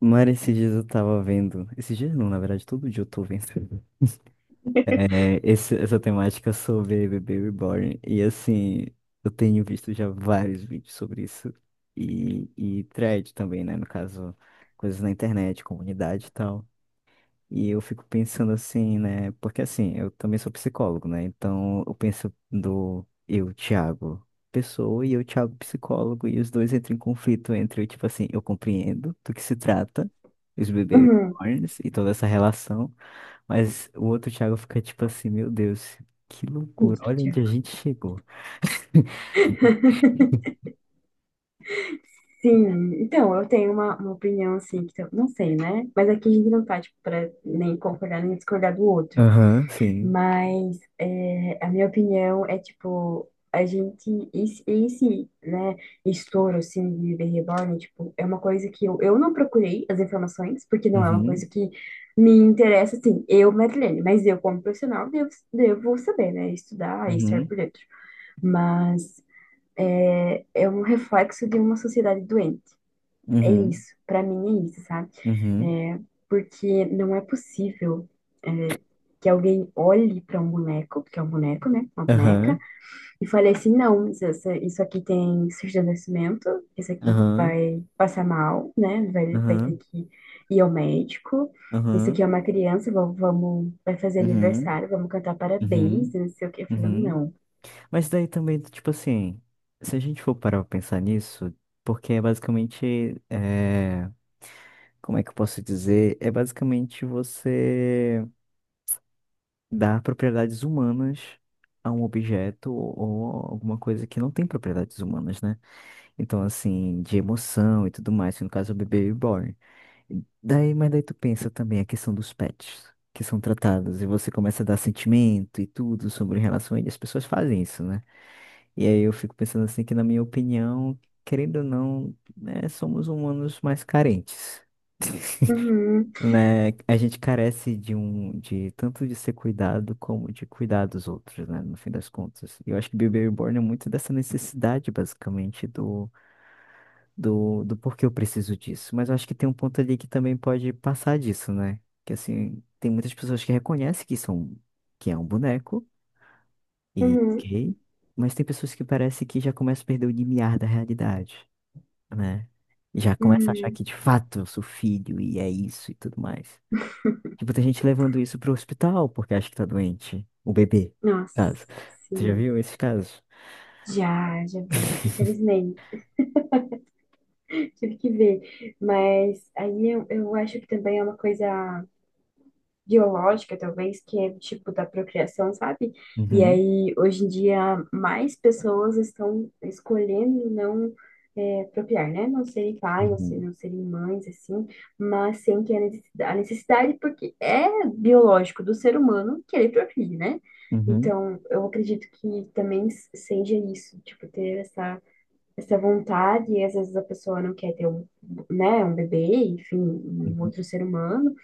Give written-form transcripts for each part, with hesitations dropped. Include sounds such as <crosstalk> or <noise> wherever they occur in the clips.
Mara, esses dias eu tava vendo. Esses dias não, na verdade, todo dia eu tô vendo. É, essa temática sobre bebê reborn. E assim, eu tenho visto já vários vídeos sobre isso. E thread também, né? No caso, coisas na internet, comunidade e tal. E eu fico pensando assim, né? Porque assim, eu também sou psicólogo, né? Então eu penso do eu, Thiago, pessoa, e eu, Thiago, psicólogo, e os dois entram em conflito entre, tipo assim, eu compreendo do que se trata, os bebês Uhum. e toda essa relação, mas o outro Thiago fica tipo assim, meu Deus, que loucura, olha Angústia. onde a gente chegou. Sim, então, eu tenho uma opinião assim, que eu não sei, né? Mas aqui a gente não tá, tipo, pra nem concordar nem discordar do outro. Aham, sim. Mas é, a minha opinião é, tipo, a gente, esse, né, estouro, assim, de Bebê Reborn, tipo, é uma coisa que eu não procurei as informações, porque não é uma coisa Uhum, que me interessa, assim, eu, Madeleine, mas eu, como profissional, devo saber, né? Estudar e estar uhum, por dentro. Mas é um reflexo de uma sociedade doente. É uhum, isso, para mim é isso, sabe? uhum, É, porque não é possível é, que alguém olhe para um boneco, que é um boneco, né? Uma boneca, aham, e fale assim: não, isso aqui tem surdesnecimento, isso aqui aham, vai passar mal, né? Vai ter aham, que ir ao médico. Isso aham, aqui é uma criança, vamos, vai fazer uhum, aniversário, vamos cantar uhum. Uhum, parabéns, não sei o quê. Falando, uhum. não. Mas daí também, tipo assim, se a gente for parar pra pensar nisso, porque é basicamente, é, como é que eu posso dizer? É basicamente você dar propriedades humanas a um objeto ou alguma coisa que não tem propriedades humanas, né? Então, assim, de emoção e tudo mais, no caso, é o bebê reborn. Daí, mas daí tu pensa também a questão dos pets. Que são tratados, e você começa a dar sentimento e tudo sobre relação a ele. As pessoas fazem isso, né? E aí eu fico pensando assim que, na minha opinião, querendo ou não, né, somos humanos mais carentes, <laughs> Uhum, né? A gente carece de um, de tanto de ser cuidado como de cuidar dos outros, né? No fim das contas. E eu acho que Baby Reborn é muito dessa necessidade, basicamente, do porquê eu preciso disso. Mas eu acho que tem um ponto ali que também pode passar disso, né? Que assim, tem muitas pessoas que reconhecem que são, que é um boneco. E, uhum, ok? Mas tem pessoas que parece que já começam a perder o limiar da realidade, né? Já começa a achar uhum. que de fato eu sou filho e é isso e tudo mais. Tipo, tem gente levando isso pro hospital porque acha que tá doente. O bebê, no caso. Nossa, Você já sim. viu esses casos? Já, já vi. Infelizmente, <laughs> tive que ver. Mas aí eu acho que também é uma coisa biológica, talvez, que é tipo da procriação, sabe? E Uhum, aí, hoje em dia, mais pessoas estão escolhendo não procriar, né? Não serem pais, não serem, uhum, não serem mães, assim, mas sem que a necessidade, porque é biológico do ser humano que ele procrie, né? uhum, Então, eu acredito que também seja isso, tipo, ter essa vontade, e às vezes a pessoa não quer ter um, né, um bebê, enfim, um outro uhum, ser humano,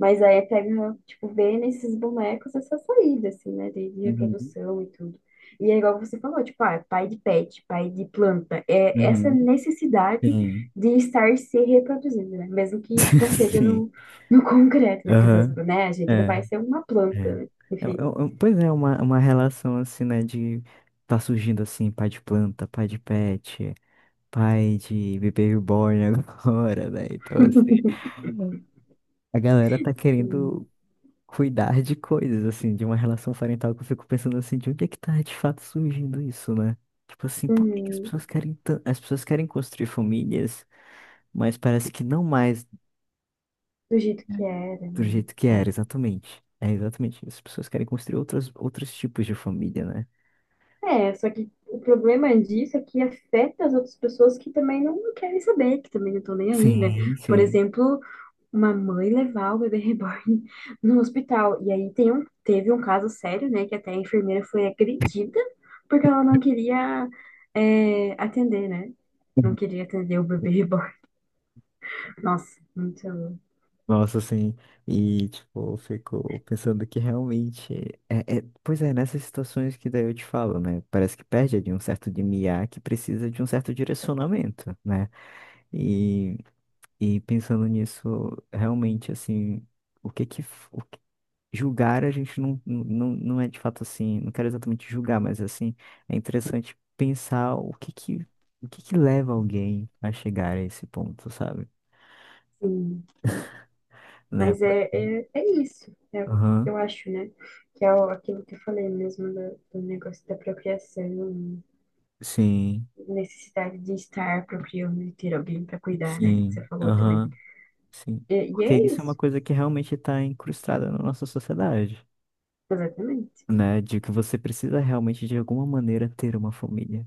mas aí é pega, tipo, vê nesses bonecos essa saída, assim, né? De uhum, reprodução e tudo. E é igual você falou, tipo, ah, pai de pet, pai de planta. É essa uhum. necessidade Sim. de estar se reproduzindo, né? Mesmo que não <laughs> seja Sim. no <laughs> concreto, né? Porque às vezes, Aham. né, a É, gente não é. vai ser uma planta, né? É, Enfim, é, é, pois é, uma relação assim, né, de tá surgindo assim, pai de planta, pai de pet, pai de bebê reborn agora, <laughs> velho. Então, assim, a galera tá assim, querendo cuidar de coisas, assim, de uma relação parental que eu fico pensando assim, de onde é que tá de fato surgindo isso, né? Tipo assim, por que que as hum, pessoas querem as pessoas querem construir famílias, mas parece que não mais do jeito que era, do jeito que né? era, exatamente. É exatamente isso. As pessoas querem construir outras, outros tipos de família, né? É, só que o problema disso é que afeta as outras pessoas que também não querem saber, que também não estão nem aí, né? Sim, Por sim. exemplo, uma mãe levar o bebê reborn <laughs> no hospital. E aí teve um caso sério, né, que até a enfermeira foi agredida porque ela não queria atender, né? Não queria atender o bebê reborn. <laughs> Nossa, muito. Nossa, assim, e tipo, eu fico pensando que realmente pois é, nessas situações que daí eu te falo, né? Parece que perde de um certo de limiar que precisa de um certo direcionamento, né? E, e pensando nisso, realmente, assim, o que que, f- o que- julgar a gente não é de fato assim, não quero exatamente julgar, mas assim, é interessante pensar o que que leva alguém a chegar a esse ponto, sabe? Sim. Né? Mas é isso, o que Aham, eu acho, né? Que é aquilo que eu falei mesmo do negócio da procriação, sim. necessidade de estar procriando e ter alguém para cuidar, né? Que Sim, você falou também. aham, sim. E Porque é isso é uma isso, coisa que realmente está incrustada na nossa sociedade, exatamente. né? De que você precisa realmente, de alguma maneira, ter uma família.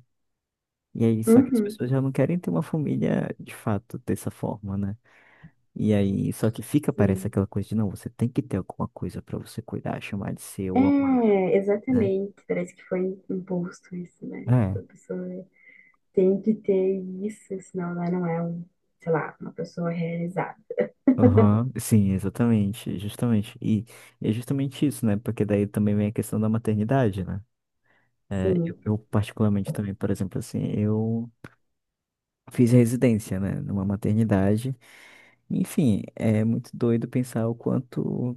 E aí, só que as Uhum. pessoas já não querem ter uma família de fato dessa forma, né? E aí, só que fica, parece Sim. aquela coisa de, não, você tem que ter alguma coisa para você cuidar, chamar de seu, amar, É, né? exatamente. Parece que foi imposto isso, né? É. Tipo, a pessoa tem que ter isso, senão ela não é, um, sei lá, uma pessoa realizada. Aham, sim, exatamente, justamente. E é justamente isso, né? Porque daí também vem a questão da maternidade, né? É, eu, Sim. eu particularmente também, por exemplo, assim, eu fiz residência, né, numa maternidade. Enfim, é muito doido pensar o quanto,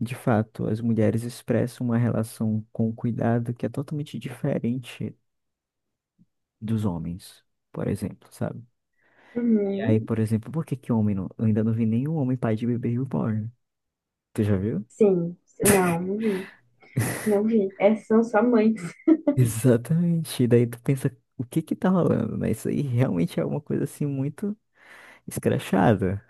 de fato, as mulheres expressam uma relação com o cuidado que é totalmente diferente dos homens, por exemplo, sabe? E aí, Uhum. por exemplo, por que que homem não, eu ainda não vi nenhum homem pai de bebê reborn. Tu já viu? Sim. Não, não vi. Não vi. Essas são só mães. <laughs> Exatamente. E daí tu pensa, o que que tá rolando, né? Isso aí realmente é uma coisa assim muito escrachada.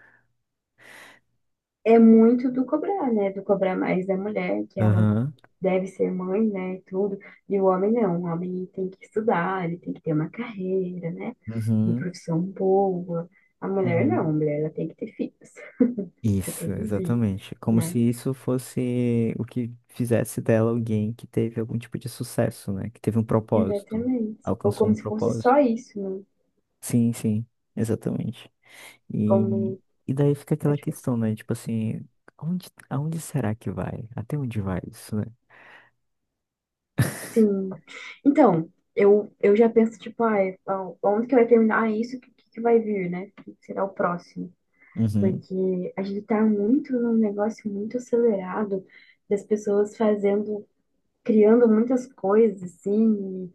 É muito do cobrar, né? Do cobrar mais da mulher, que ela Aham. deve ser mãe, né? E tudo. E o homem não. O homem tem que estudar, ele tem que ter uma carreira, né? Uma Uhum, profissão boa. A mulher não. uhum. A mulher, ela tem que ter filhos, Isso, reproduzir, exatamente. Como se né? isso fosse o que fizesse dela alguém que teve algum tipo de sucesso, né? Que teve um propósito, Exatamente. Ou alcançou como um se fosse só propósito. isso, né? Sim, sim, exatamente. E, Como, e daí fica tá, aquela tipo, questão, né? Tipo assim, aonde, aonde será que vai? Até onde vai isso, né? sim. Então, eu já penso, tipo, ah, ah, onde que vai terminar, ah, isso? O que, que vai vir, né? O que será o próximo? Uhum, Porque a gente tá muito num negócio muito acelerado das pessoas fazendo, criando muitas coisas, assim,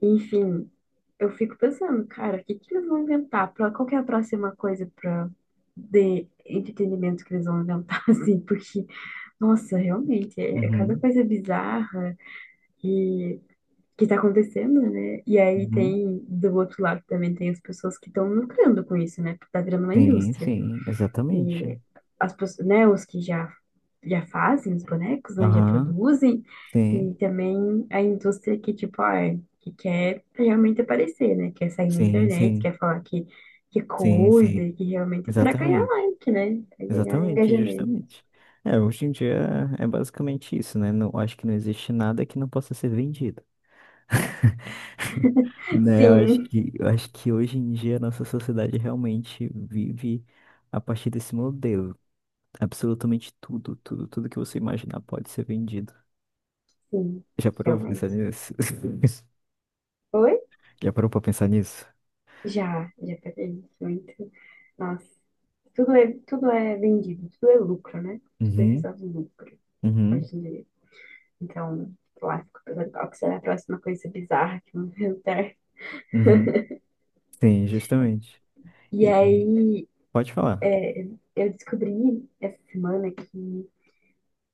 e, enfim. Eu fico pensando, cara, o que que eles vão inventar? Pra, qual que é a próxima coisa pra, de entretenimento que eles vão inventar, <laughs> assim? Porque, nossa, realmente, é cada uhum, coisa bizarra e que tá acontecendo, né? E aí uhum. Do outro lado também tem as pessoas que estão lucrando com isso, né? Porque tá virando uma Sim, indústria. sim, exatamente. E né, os que já, fazem os bonecos, né, já Aham, produzem, sim, e também a indústria que, tipo, ah, que quer realmente aparecer, né, quer sair na sim, internet, sim, quer falar que sim, cuida, sim, que realmente, para ganhar exatamente. like, né, pra ganhar Exatamente, engajamento. justamente. É, hoje em dia é basicamente isso, né? Não, acho que não existe nada que não possa ser vendido, né? Eu acho Sim, que, eu acho que hoje em dia a nossa sociedade realmente vive a partir desse modelo. Absolutamente tudo que você imaginar pode ser vendido. sim, Já parou pra pensar realmente. nisso? <laughs> Oi? Já parou pra pensar nisso? Já, já peguei muito. Nossa, tudo é vendido, tudo é lucro, né? Tudo é Uhum, visado lucro, uhum, hoje em dia. Então, lá ficou pensando qual que será a próxima coisa bizarra que vão inventar. uhum. Sim, justamente. E E aí, pode falar. é, eu descobri essa semana que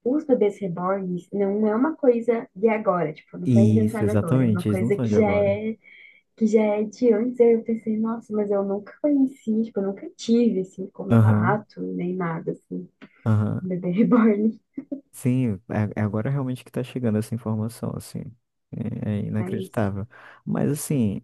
os bebês reborns não é uma coisa de agora, tipo, não foi Isso, inventada agora, é uma exatamente. Eles não coisa são de que já agora. é que já é de antes. Aí eu pensei, nossa, mas eu nunca conheci, tipo, eu nunca tive assim Aham, contato nem nada assim aham. com bebê <laughs> reborn, Sim, é é agora realmente que está chegando essa informação, assim. É, é mas inacreditável. Mas, assim,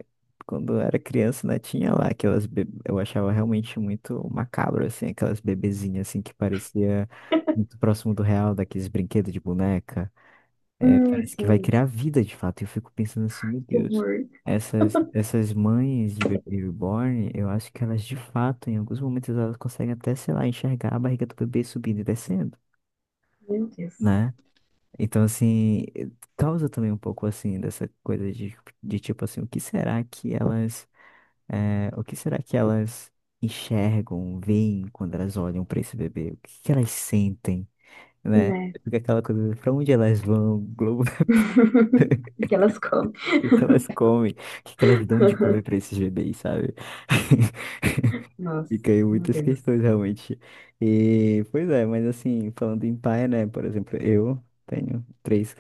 quando eu era criança, né, tinha lá aquelas... Eu achava realmente muito macabro, assim, aquelas bebezinhas, assim, que parecia muito próximo do real, daqueles brinquedos de boneca. É, parece que vai assim, criar vida, de fato. E eu fico pensando assim, meu que Deus, horror. essas mães de bebê reborn, eu acho que elas, de fato, em alguns momentos, elas conseguem até, sei lá, enxergar a barriga do bebê subindo e descendo, Meu Deus, né? Então, assim, causa também um pouco, assim, dessa coisa de tipo assim, o que será que elas enxergam, veem quando elas olham para esse bebê? O que que elas sentem, né? né? Fica aquela coisa, pra onde elas vão, Globo, <laughs> <laughs> O que elas comem. o que que elas comem, o que que elas dão de comer para <laughs> esses bebês, sabe? <laughs> Nossa, Fica aí meu muitas Deus. questões, realmente. E, pois é, mas assim, falando em pai, né, por exemplo, eu tenho três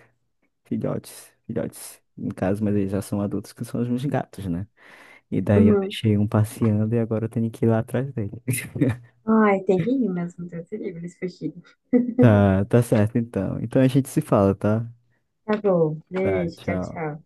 filhotes, filhotes, no caso, mas eles já são adultos, que são os meus gatos, né? E daí eu Uhum. deixei um passeando e agora eu tenho que ir lá atrás dele. <laughs> Ai, tem que ir mesmo, Deus me livre, eles fugiram. Tá, tá certo então. Então a gente se fala, tá? Tá bom, Tá, beijo, tchau, tchau. tchau.